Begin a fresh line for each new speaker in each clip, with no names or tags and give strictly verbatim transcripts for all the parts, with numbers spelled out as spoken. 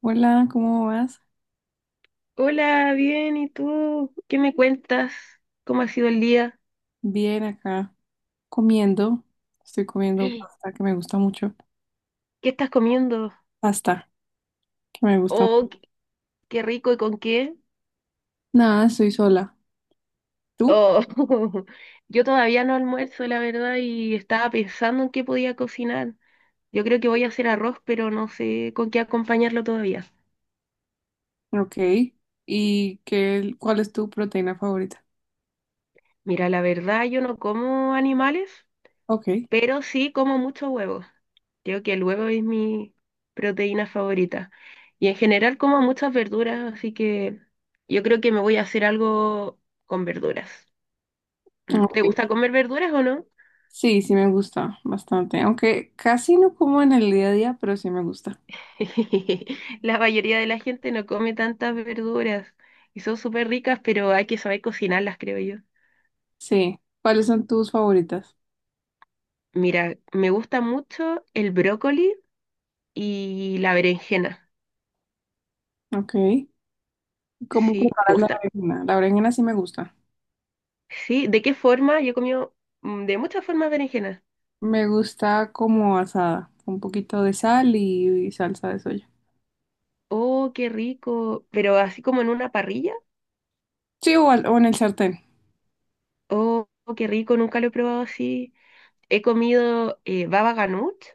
Hola, ¿cómo vas?
Hola, bien, ¿y tú? ¿Qué me cuentas? ¿Cómo ha sido el día?
Bien, acá comiendo. Estoy comiendo
¿Qué
pasta que me gusta mucho.
estás comiendo?
Pasta que me gusta.
Oh, qué qué rico, ¿y con qué?
Nada, estoy sola. ¿Tú?
Oh, yo todavía no almuerzo, la verdad, y estaba pensando en qué podía cocinar. Yo creo que voy a hacer arroz, pero no sé con qué acompañarlo todavía.
Ok. ¿Y qué, cuál es tu proteína favorita?
Mira, la verdad, yo no como animales.
Ok.
Pero sí como mucho huevo. Creo que el huevo es mi proteína favorita. Y en general como muchas verduras, así que yo creo que me voy a hacer algo con verduras. Mm,
Ok.
¿te gusta comer verduras o no?
Sí, sí me gusta bastante. Aunque casi no como en el día a día, pero sí me gusta.
La mayoría de la gente no come tantas verduras y son súper ricas, pero hay que saber cocinarlas, creo yo.
Sí. ¿Cuáles son tus favoritas?
Mira, me gusta mucho el brócoli y la berenjena.
Ok. ¿Cómo
Sí, me
preparas la
gusta.
berenjena? La berenjena sí me gusta.
Sí, ¿de qué forma? Yo he comido mm, de muchas formas berenjenas.
Me gusta como asada, con un poquito de sal y, y salsa de soya.
Oh, qué rico. Pero así como en una parrilla.
Sí, o, al- o en el sartén.
Oh, qué rico. Nunca lo he probado así. He comido eh, baba ganoush,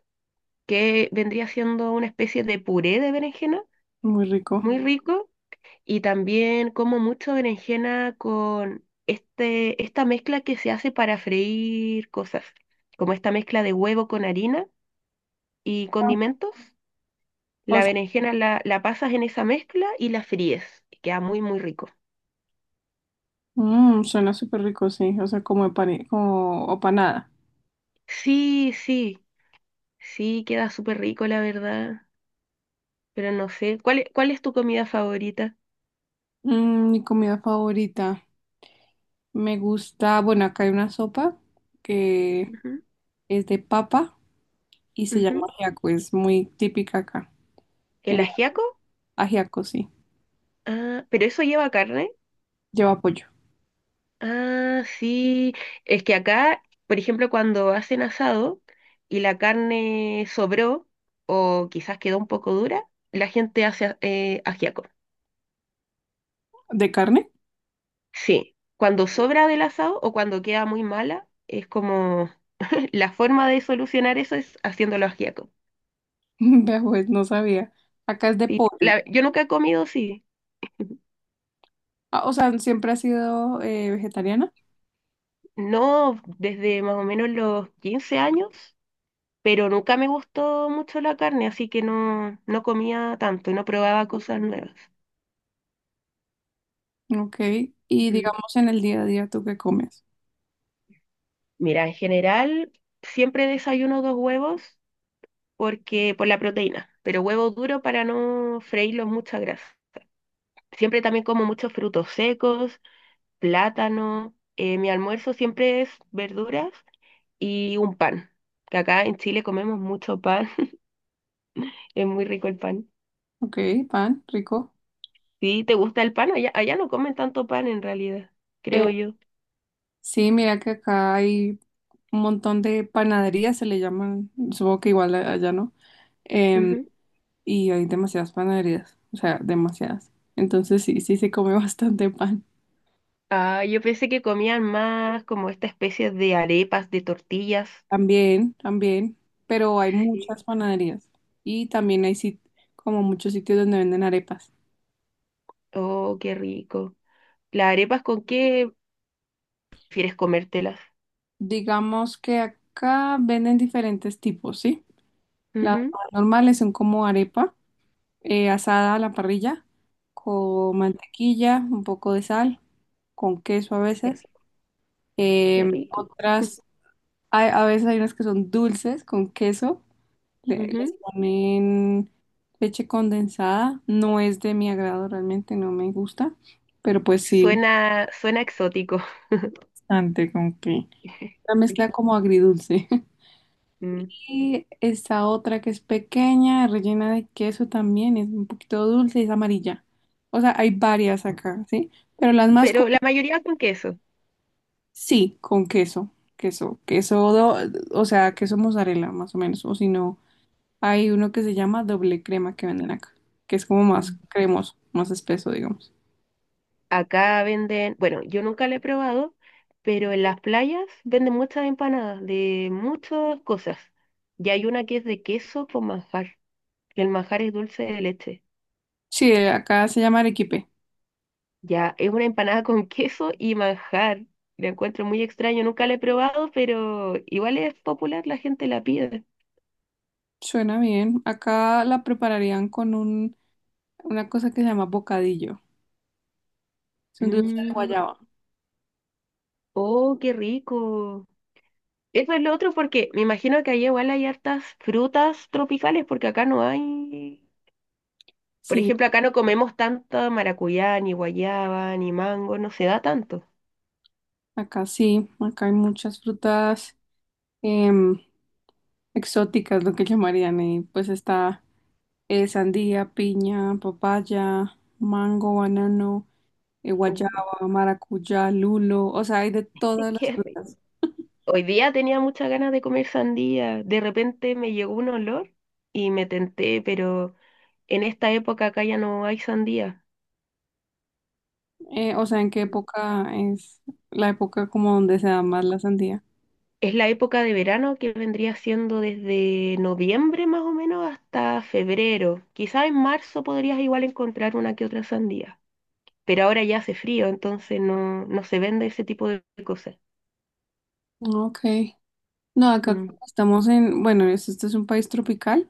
que vendría siendo una especie de puré de berenjena.
Muy rico.
Muy rico. Y también como mucho berenjena con este, esta mezcla que se hace para freír cosas. Como esta mezcla de huevo con harina y condimentos.
O
La
sea,
berenjena la, la pasas en esa mezcla y la fríes. Queda muy, muy rico.
mm, suena súper rico, sí. O sea, como, empane- como o panada.
Sí, sí. Sí, queda súper rico, la verdad. Pero no sé. ¿Cuál, e- cuál es tu comida favorita?
Mm, mi comida favorita. Me gusta, bueno, acá hay una sopa que es de papa y se
Ujú,
llama
ujú.
ajiaco. Es muy típica acá.
¿El
En la-
ajiaco?
ajiaco, sí.
Ah, ¿pero eso lleva carne?
Lleva pollo.
Ah, sí. Es que acá, por ejemplo, cuando hacen asado y la carne sobró o quizás quedó un poco dura, la gente hace eh, ajiaco.
¿De carne?
Sí. Cuando sobra del asado o cuando queda muy mala, es como la forma de solucionar eso es haciéndolo ajiaco.
Vea, pues no sabía. Acá es de
Sí.
pollo.
La- yo nunca he comido, sí.
Ah, o sea, siempre ha sido eh, vegetariana.
No, desde más o menos los quince años, pero nunca me gustó mucho la carne, así que no, no comía tanto, no probaba cosas nuevas.
Ok. Y
Mm.
digamos en el día a día, ¿tú qué comes?
Mira, en general siempre desayuno dos huevos porque por la proteína, pero huevo duro para no freírlos mucha grasa. Siempre también como muchos frutos secos, plátano. Eh, mi almuerzo siempre es verduras y un pan, que acá en Chile comemos mucho pan, es muy rico el pan.
Ok, pan, rico.
Sí, ¿te gusta el pan? Allá, allá no comen tanto pan en realidad,
Eh,
creo yo.
Sí, mira que acá hay un montón de panaderías, se le llaman, supongo que igual a- allá no, em,
Ujú.
y hay demasiadas panaderías, o sea, demasiadas. Entonces sí, sí se come bastante pan.
Ah, yo pensé que comían más como esta especie de arepas, de tortillas.
También, también, pero hay
Sí.
muchas panaderías y también hay sit- como muchos sitios donde venden arepas.
Oh, qué rico. ¿Las arepas con qué prefieres comértelas?
Digamos que acá venden diferentes tipos, ¿sí? Las
Ujú.
más normales son como arepa. Eh, asada a la parrilla con
Mm,
mantequilla, un poco de sal, con queso a
Qué,
veces.
ri- qué
Em,
rico.
otras, hay- a veces hay unas que son dulces con queso, le- les
Ujú.
ponen leche condensada. No es de mi agrado realmente, no me gusta, pero pues sí,
Suena, suena exótico.
bastante con que la mezcla como agridulce.
Mm.
Y esta otra que es pequeña, rellena de queso también, es un poquito dulce, es amarilla. O sea, hay varias acá, ¿sí? Pero las más
Pero la mayoría con queso.
sí, con queso, queso, queso, do- o sea, queso mozzarella más o menos, o si no, hay uno que se llama doble crema que venden acá, que es como más cremoso, más espeso, digamos.
Acá venden, bueno, yo nunca la he probado, pero en las playas venden muchas empanadas de muchas cosas. Y hay una que es de queso con manjar, que el manjar es dulce de leche.
Sí, eh, acá se llama arequipe.
Ya, es una empanada con queso y manjar. La encuentro muy extraño, nunca la he probado, pero igual es popular, la gente la pide.
Suena bien. Acá la prepararían con un, una cosa que se llama bocadillo. Es un dulce de
Mm,
guayaba.
oh, qué rico. Eso es lo otro porque me imagino que allá igual hay hartas frutas tropicales, porque acá no hay. Por
Sí,
ejemplo, acá no comemos tanta maracuyá, ni guayaba, ni mango, no se da tanto.
acá sí, acá hay muchas frutas em, exóticas, lo que llamarían, y pues está eh, sandía, piña, papaya, mango, banano. Eh, guayaba,
Uh,
maracuyá, lulo, o sea, hay de todas las
qué rico.
frutas.
Hoy día tenía muchas ganas de comer sandía. De repente me llegó un olor y me tenté, pero en esta época acá ya no hay sandía.
Eh, o sea, ¿en qué época es la época como donde se da más la sandía?
Es la época de verano, que vendría siendo desde noviembre más o menos hasta febrero. Quizás en marzo podrías igual encontrar una que otra sandía, pero ahora ya hace frío, entonces no, no se vende ese tipo de cosas.
Ok. No, acá
Mm,
como estamos en, bueno, es- este es un país tropical,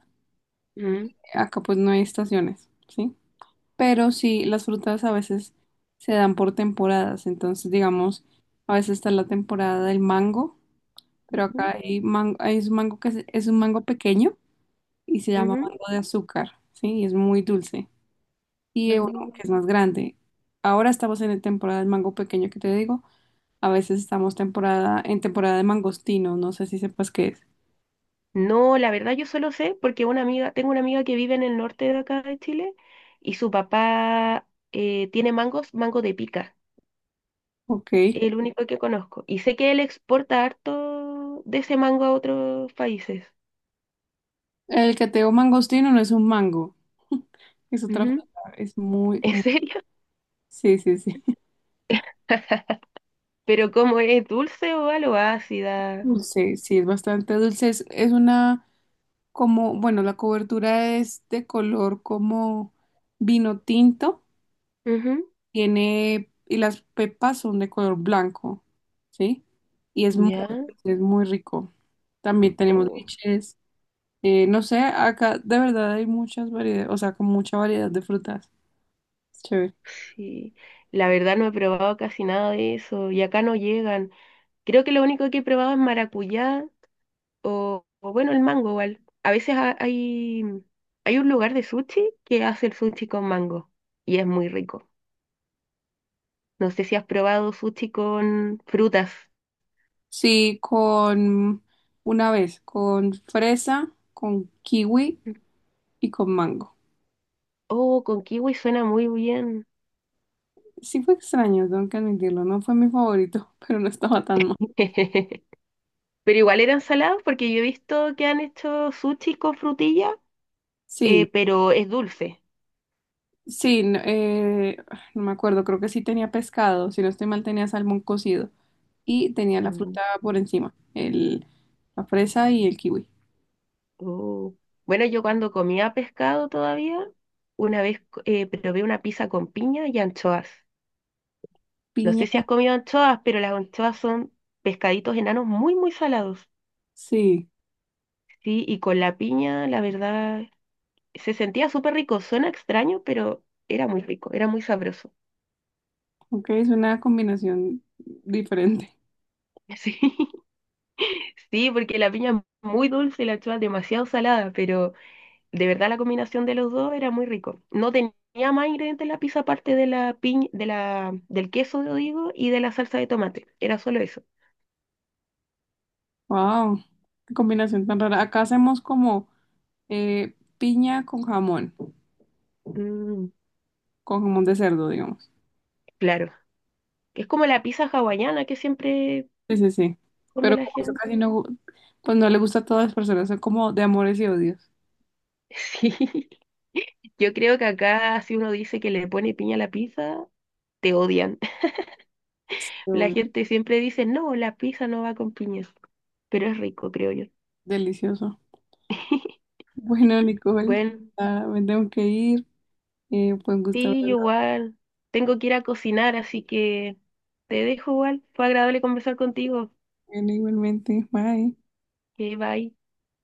mm,
acá pues no hay estaciones, ¿sí? Pero sí, las frutas a veces se dan por temporadas, entonces digamos, a veces está la temporada del mango, pero acá
ujú.
hay mango, hay un mango que es, es un mango pequeño y se llama
Ujú.
mango de azúcar, ¿sí? Y es muy dulce. Y uno
Mm.
que es más grande. Ahora estamos en la temporada del mango pequeño que te digo. A veces estamos temporada, en temporada de mangostino. No sé si sepas qué es.
No, la verdad yo solo sé porque una amiga, tengo una amiga que vive en el norte de acá de Chile, y su papá eh, tiene mangos, mango de pica,
Ok.
el único que conozco. Y sé que él exporta harto de ese mango a otros países.
El cateo mangostino no es un mango. Es otra fruta.
Ujú.
Es muy,
¿En
muy-
serio?
sí, sí, sí.
Pero como es, dulce o algo ácida?
Dulce, sí, es bastante dulce. Es, es una como, bueno, la cobertura es de color como vino tinto.
Ujú.
Tiene, y las pepas son de color blanco, ¿sí? Y es muy,
Ya.
es muy rico. También tenemos
Oh,
liches. Eh, no sé, acá de verdad hay muchas variedades, o sea, con mucha variedad de frutas. Es chévere.
sí. La verdad no he probado casi nada de eso y acá no llegan. Creo que lo único que he probado es maracuyá. O, o bueno, el mango igual. A veces ha- hay, hay un lugar de sushi que hace el sushi con mango y es muy rico. No sé si has probado sushi con frutas.
Sí, con una vez, con fresa, con kiwi y con mango.
Oh, con kiwi suena muy bien.
Sí fue extraño, tengo que admitirlo. No fue mi favorito, pero no estaba tan mal.
Pero igual eran salados, porque yo he visto que han hecho sushi con frutilla,
Sí,
eh, pero es dulce.
sí, no, eh, no me acuerdo, creo que sí tenía pescado, si no estoy mal tenía salmón cocido y tenía la
Mm,
fruta por encima, el, la fresa y el kiwi.
oh. Bueno, yo cuando comía pescado todavía, una vez co- eh, probé una pizza con piña y anchoas. No
Piña,
sé si has comido anchoas, pero las anchoas son pescaditos enanos muy, muy salados.
sí.
Sí, y con la piña, la verdad, se sentía súper rico. Suena extraño, pero era muy rico, era muy sabroso.
Ok, es una combinación diferente.
Sí, sí, porque la piña es muy dulce y la anchoa es demasiado salada, pero de verdad la combinación de los dos era muy rico. No tenía más ingredientes en la pizza aparte de la piña, de la, del queso, digo, y de la salsa de tomate. Era solo eso.
Wow, qué combinación tan rara. Acá hacemos como eh, piña con jamón,
Mm,
con jamón de cerdo, digamos.
claro. Es como la pizza hawaiana que siempre
Sí, sí, sí.
come
Pero
la
como eso
gente.
casi no, gu- pues no le gusta a todas las personas, son como de amores y odios.
Sí, yo creo que acá si uno dice que le pone piña a la pizza, te odian. La
Pero
gente siempre dice, no, la pizza no va con piñas, pero es rico, creo yo.
delicioso. Bueno, Nicole,
Bueno,
ah, me tengo que ir. Eh, pues gusto
sí, yo
hablar
igual tengo que ir a cocinar, así que te dejo igual. Fue agradable conversar contigo.
igualmente. Bye.
Que bye.